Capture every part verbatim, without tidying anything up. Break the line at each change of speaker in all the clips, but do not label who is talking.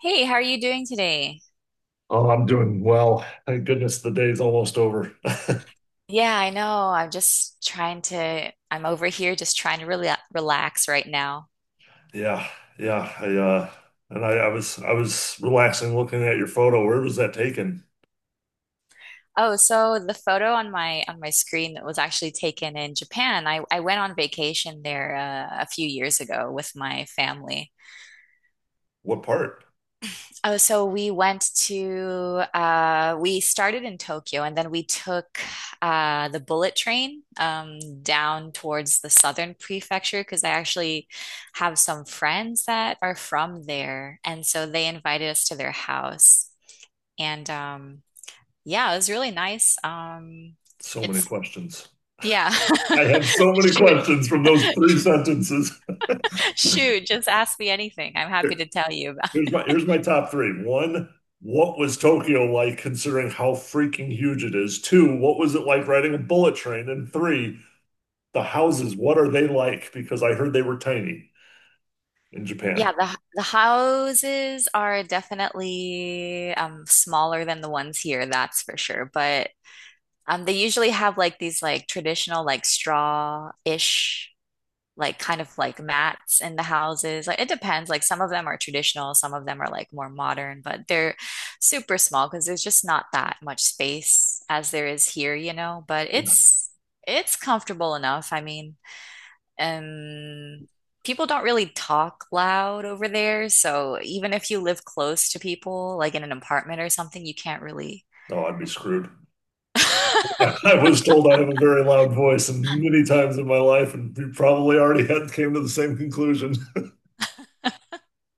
Hey, how are you doing today?
Oh, I'm doing well. Thank goodness the day's almost over.
Yeah, I know. I'm just trying to, I'm over here just trying to really relax right now.
Yeah, yeah. I uh and I, I was I was relaxing looking at your photo. Where was that taken?
Oh, so the photo on my on my screen that was actually taken in Japan. I, I went on vacation there uh, a few years ago with my family.
What part?
Oh, so we went to uh we started in Tokyo and then we took uh the bullet train um down towards the southern prefecture because I actually have some friends that are from there and so they invited us to their house and um yeah, it was really nice. Um
So many
it's
questions.
Yeah.
I have so many
Shoot.
questions from those three sentences.
Shoot, just ask me anything. I'm happy
Here-
to tell you.
Here's my here's my top three. One, what was Tokyo like considering how freaking huge it is? Two, what was it like riding a bullet train? And three, the houses, what are they like? Because I heard they were tiny in Japan.
Yeah, the the houses are definitely um smaller than the ones here, that's for sure. But um they usually have like these like traditional like straw-ish like kind of like mats in the houses. Like it depends. Like some of them are traditional, some of them are like more modern, but they're super small because there's just not that much space as there is here, you know. But it's it's comfortable enough. I mean, and people don't really talk loud over there, so even if you live close to people, like in an apartment or something, you can't really.
Oh, I'd be screwed. I was told I have a very loud voice and many times in my life, and we probably already had came to the same conclusion.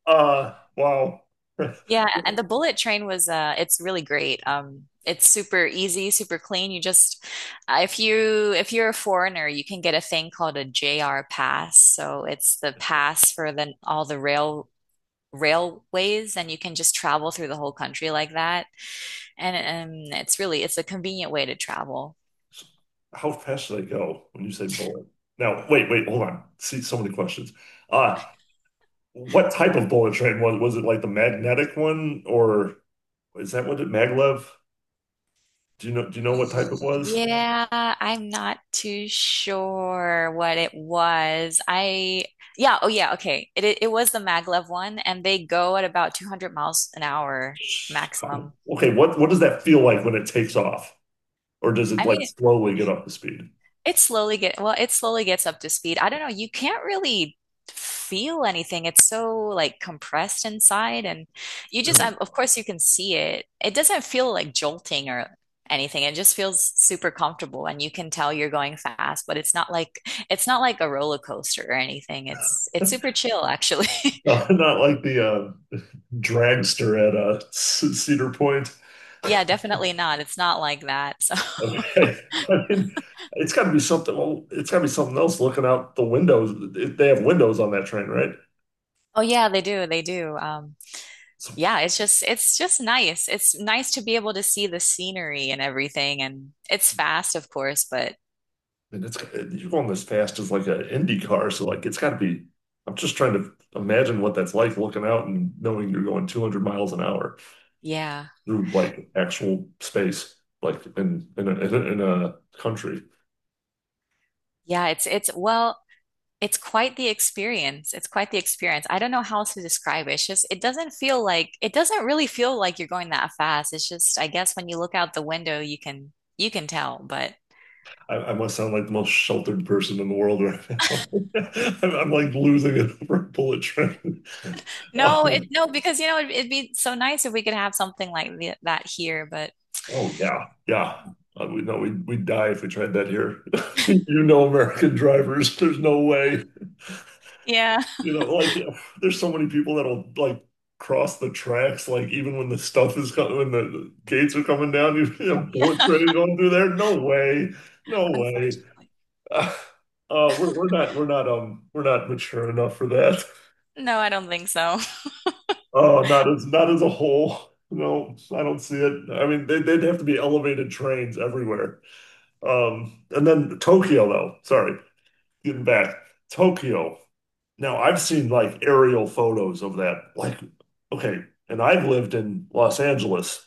Uh, wow.
Yeah, and the bullet train was uh it's really great. Um it's super easy, super clean. You just uh, if you if you're a foreigner, you can get a thing called a J R pass. So it's the pass for the all the rail railways and you can just travel through the whole country like that. And um It's really it's a convenient way to travel.
How fast should I go when you say bullet? Now, wait, wait, hold on. See, so many questions. Uh, what type of bullet train was was it, like the magnetic one, or is that what it, maglev? Do you know do you know what type it was?
Yeah, I'm not too sure what it was. I Yeah, oh yeah, okay. It it, it was the maglev one, and they go at about two hundred miles an hour
Sh-
maximum.
Okay, what what does that feel like when it takes off? Or does it
I
like
mean,
slowly get up to speed?
It slowly get well, it slowly gets up to speed. I don't know, you can't really feel anything. It's so like compressed inside and you just
Really?
um, of course you can see it. It doesn't feel like jolting or anything. It just feels super comfortable and you can tell you're going fast, but it's not like it's not like a roller coaster or anything. It's it's super chill actually.
Not like the uh, dragster at uh, Cedar Point.
Yeah, definitely not. It's not like that. So,
Okay, I mean, it's got to be something. Well, it's got to be something else. Looking out the windows, they have windows on that train, right?
oh yeah, they do. They do. Um
So,
yeah, it's just it's just nice. It's nice to be able to see the scenery and everything and it's fast, of course, but
and it's you're going as fast as like an Indy car, so like it's got to be. I'm just trying to imagine what that's like, looking out and knowing you're going two hundred miles an hour
yeah.
through like actual space, like in in a, in a country.
Yeah, it's it's well, it's quite the experience. It's quite the experience. I don't know how else to describe it. It's just it doesn't feel like it doesn't really feel like you're going that fast. It's just I guess when you look out the window, you can you can tell, but
I, I must sound like the most sheltered person in the world right now. I'm, I'm like losing it over a bullet train.
no, it
Um,
no because you know it'd, it'd be so nice if we could have something like th- that here, but
oh yeah, yeah. Uh, we no, we we'd die if we tried that here. You know, American drivers, there's no way.
yeah.
You know, like there's so many people that'll like cross the tracks, like even when the stuff is coming, when the gates are coming down, you see a bullet
Yeah.
train going through there. No way, no way.
Unfortunately.
Uh, uh, we're we're not we're not um we're not mature enough for that.
No, I don't think so.
Oh, not as, not as a whole. No, I don't see it. I mean, they, they'd have to be elevated trains everywhere. Um, and then Tokyo, though. Sorry, getting back. Tokyo. Now, I've seen like aerial photos of that. Like, okay, and I've lived in Los Angeles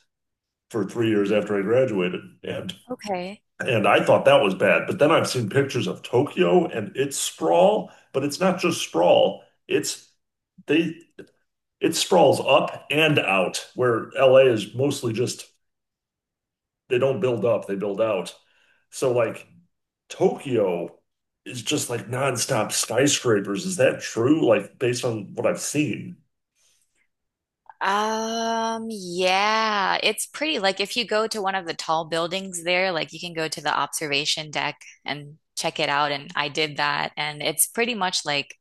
for three years after I graduated, and
Okay.
and I thought that was bad. But then I've seen pictures of Tokyo and its sprawl, but it's not just sprawl. It's they it sprawls up and out, where L A is mostly just, they don't build up, they build out. So like Tokyo is just like nonstop skyscrapers. Is that true? Like based on what I've seen.
Um, yeah, it's pretty. Like if you go to one of the tall buildings there, like you can go to the observation deck and check it out. And I did that, and it's pretty much like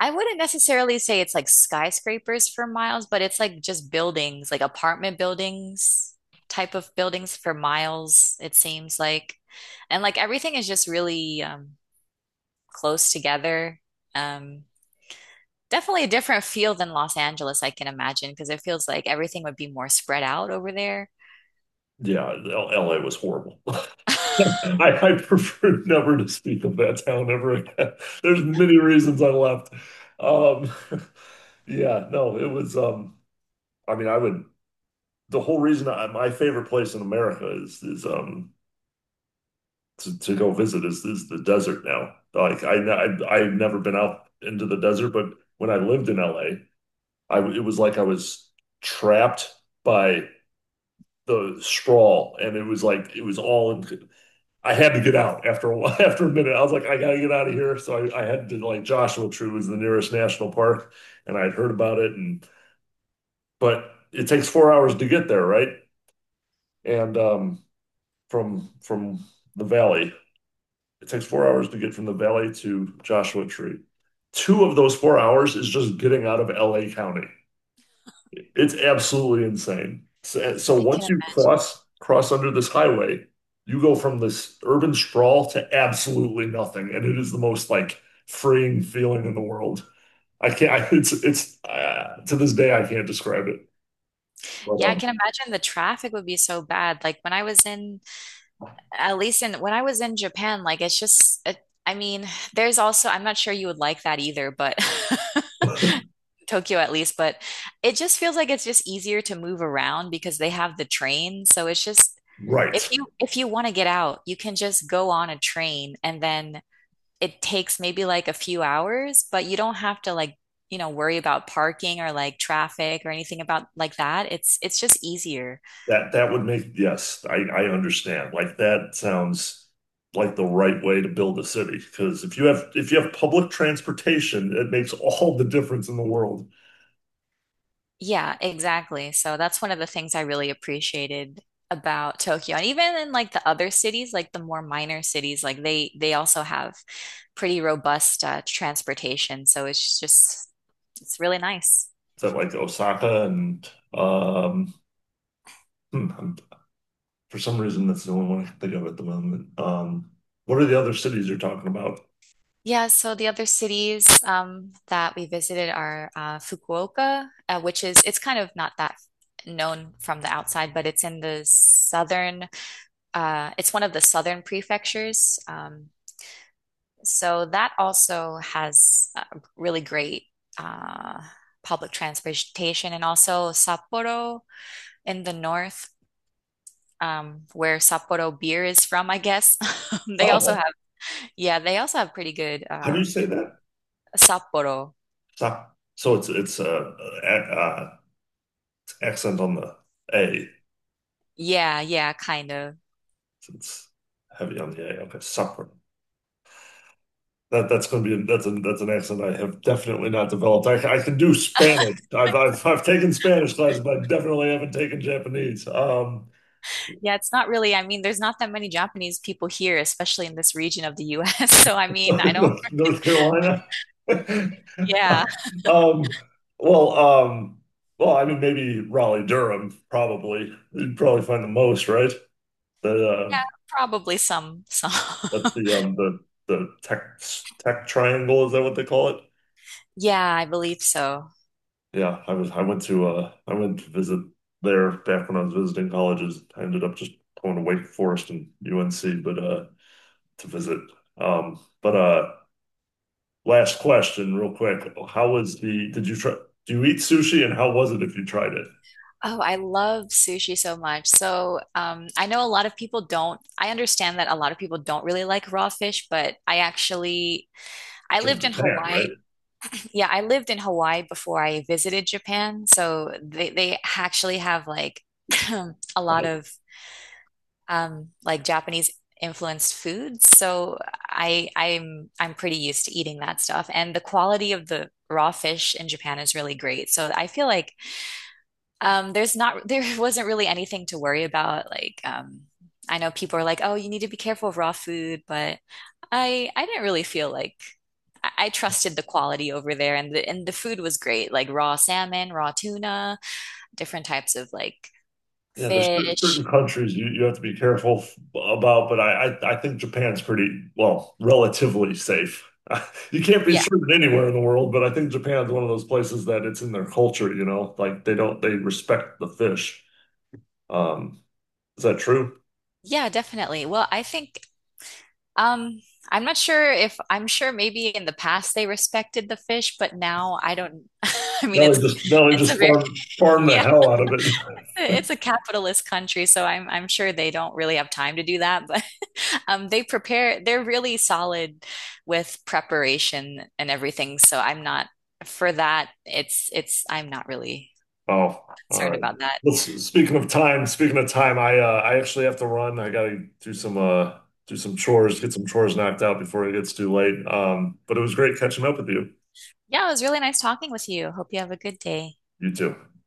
I wouldn't necessarily say it's like skyscrapers for miles, but it's like just buildings, like apartment buildings type of buildings for miles, it seems like. And like everything is just really um close together. Um, Definitely a different feel than Los Angeles, I can imagine, because it feels like everything would be more spread out over there.
Yeah, L- LA was horrible.
I
I, I prefer never to speak of that town ever again. There's many reasons I left. Um, yeah, no, it was um I mean I would the whole reason I, my favorite place in America is is um to, to go visit is is the desert now. Like I, I I've never been out into the desert, but when I lived in L A, it was like I was trapped by the sprawl, and it was like it was all in. I had to get out after a while, after a minute. I was like, I gotta get out of here. So I, I had to, like, Joshua Tree was the nearest national park, and I'd heard about it, and but it takes four hours to get there, right? And um, from from the valley, it takes four hours to get from the valley to Joshua Tree. Two of those four hours is just getting out of L A County. It's absolutely insane. So, so once
can,
you cross cross under this highway, you go from this urban sprawl to absolutely nothing, and it is the most like freeing feeling in the world. I can't. I, it's it's uh, to this day I can't describe it.
yeah, I
But
can imagine the traffic would be so bad. Like when I was in, at least in, when I was in Japan, like it's just, it, I mean, there's also, I'm not sure you would like that either, but
um,
Tokyo at least, but it just feels like it's just easier to move around because they have the train. So it's just,
right.
if you if you want to get out, you can just go on a train and then it takes maybe like a few hours, but you don't have to like, you know, worry about parking or like traffic or anything about like that. It's it's just easier.
That that would make, yes, I I understand. Like, that sounds like the right way to build a city, because if you have if you have public transportation, it makes all the difference in the world.
Yeah, exactly. So that's one of the things I really appreciated about Tokyo. And even in like the other cities, like the more minor cities, like they they also have pretty robust uh, transportation. So it's just it's really nice.
Is that like Osaka and um hmm, I'm- for some reason that's the only one I can think of at the moment. Um, what are the other cities you're talking about?
Yeah, so the other cities um, that we visited are uh, Fukuoka, uh, which is it's kind of not that known from the outside, but it's in the southern. Uh, it's one of the southern prefectures. Um, so that also has uh, really great uh, public transportation, and also Sapporo in the north, um, where Sapporo beer is from, I guess. They also
Oh,
have, yeah, they also have pretty good
how
uh,
do you say that?
Sapporo.
So, so it's it's uh, uh, uh accent on the A.
Yeah, yeah, kind of.
It's heavy on the A. Okay, Sakura. That that's going to be, that's an that's an accent I have definitely not developed. I, I can do Spanish. I've, I've I've taken Spanish classes, but I definitely haven't taken Japanese. Um,
Yeah, it's not really. I mean, there's not that many Japanese people here, especially in this region of the U S. So, I mean, I don't,
North, North Carolina.
yeah.
Um, well, um, well, I mean, maybe Raleigh, Durham, probably. You'd probably find the most, right? The uh,
Yeah, probably some, some.
that's the um the the tech tech triangle. Is that what they call it?
Yeah, I believe so.
Yeah, I was I went to uh I went to visit there back when I was visiting colleges. I ended up just going to Wake Forest and U N C, but uh to visit. Um but uh Last question real quick. How was the, did you try, do you eat sushi, and how was it if you tried it?
Oh, I love sushi so much. So, um, I know a lot of people don't, I understand that a lot of people don't really like raw fish, but I actually, I
It's in
lived in Hawaii.
Japan,
Yeah, I lived in Hawaii before I visited Japan. So they, they actually have like a lot
right?
of um, like Japanese influenced foods. So I I'm I'm pretty used to eating that stuff. And the quality of the raw fish in Japan is really great. So I feel like um, there's not there wasn't really anything to worry about. Like um, I know people are like, oh, you need to be careful of raw food, but I I didn't really feel like I, I trusted the quality over there, and the and the food was great, like raw salmon, raw tuna, different types of like
Yeah, there's cer- certain
fish.
countries you, you have to be careful f- about, but I, I I think Japan's pretty, well, relatively safe. You can't be
Yeah,
certain anywhere in the world, but I think Japan's one of those places that, it's in their culture, you know, like they don't, they respect the fish. Um, is that true?
yeah, definitely. Well, I think Um, I'm not sure if I'm sure maybe in the past they respected the fish, but now I don't. I mean,
Now
it's
they just now they
it's a
just
very
farm farm the
yeah,
hell out of it.
it's a, it's a capitalist country, so I'm I'm sure they don't really have time to do that. But um, they prepare. They're really solid with preparation and everything. So I'm not for that. It's it's I'm not really
Oh, all
concerned
right.
about that.
Well, s- speaking of time, speaking of time, I uh, I actually have to run. I gotta do some uh do some chores, get some chores knocked out before it gets too late. Um, but it was great catching up with you.
Yeah, it was really nice talking with you. Hope you have a good day.
You too.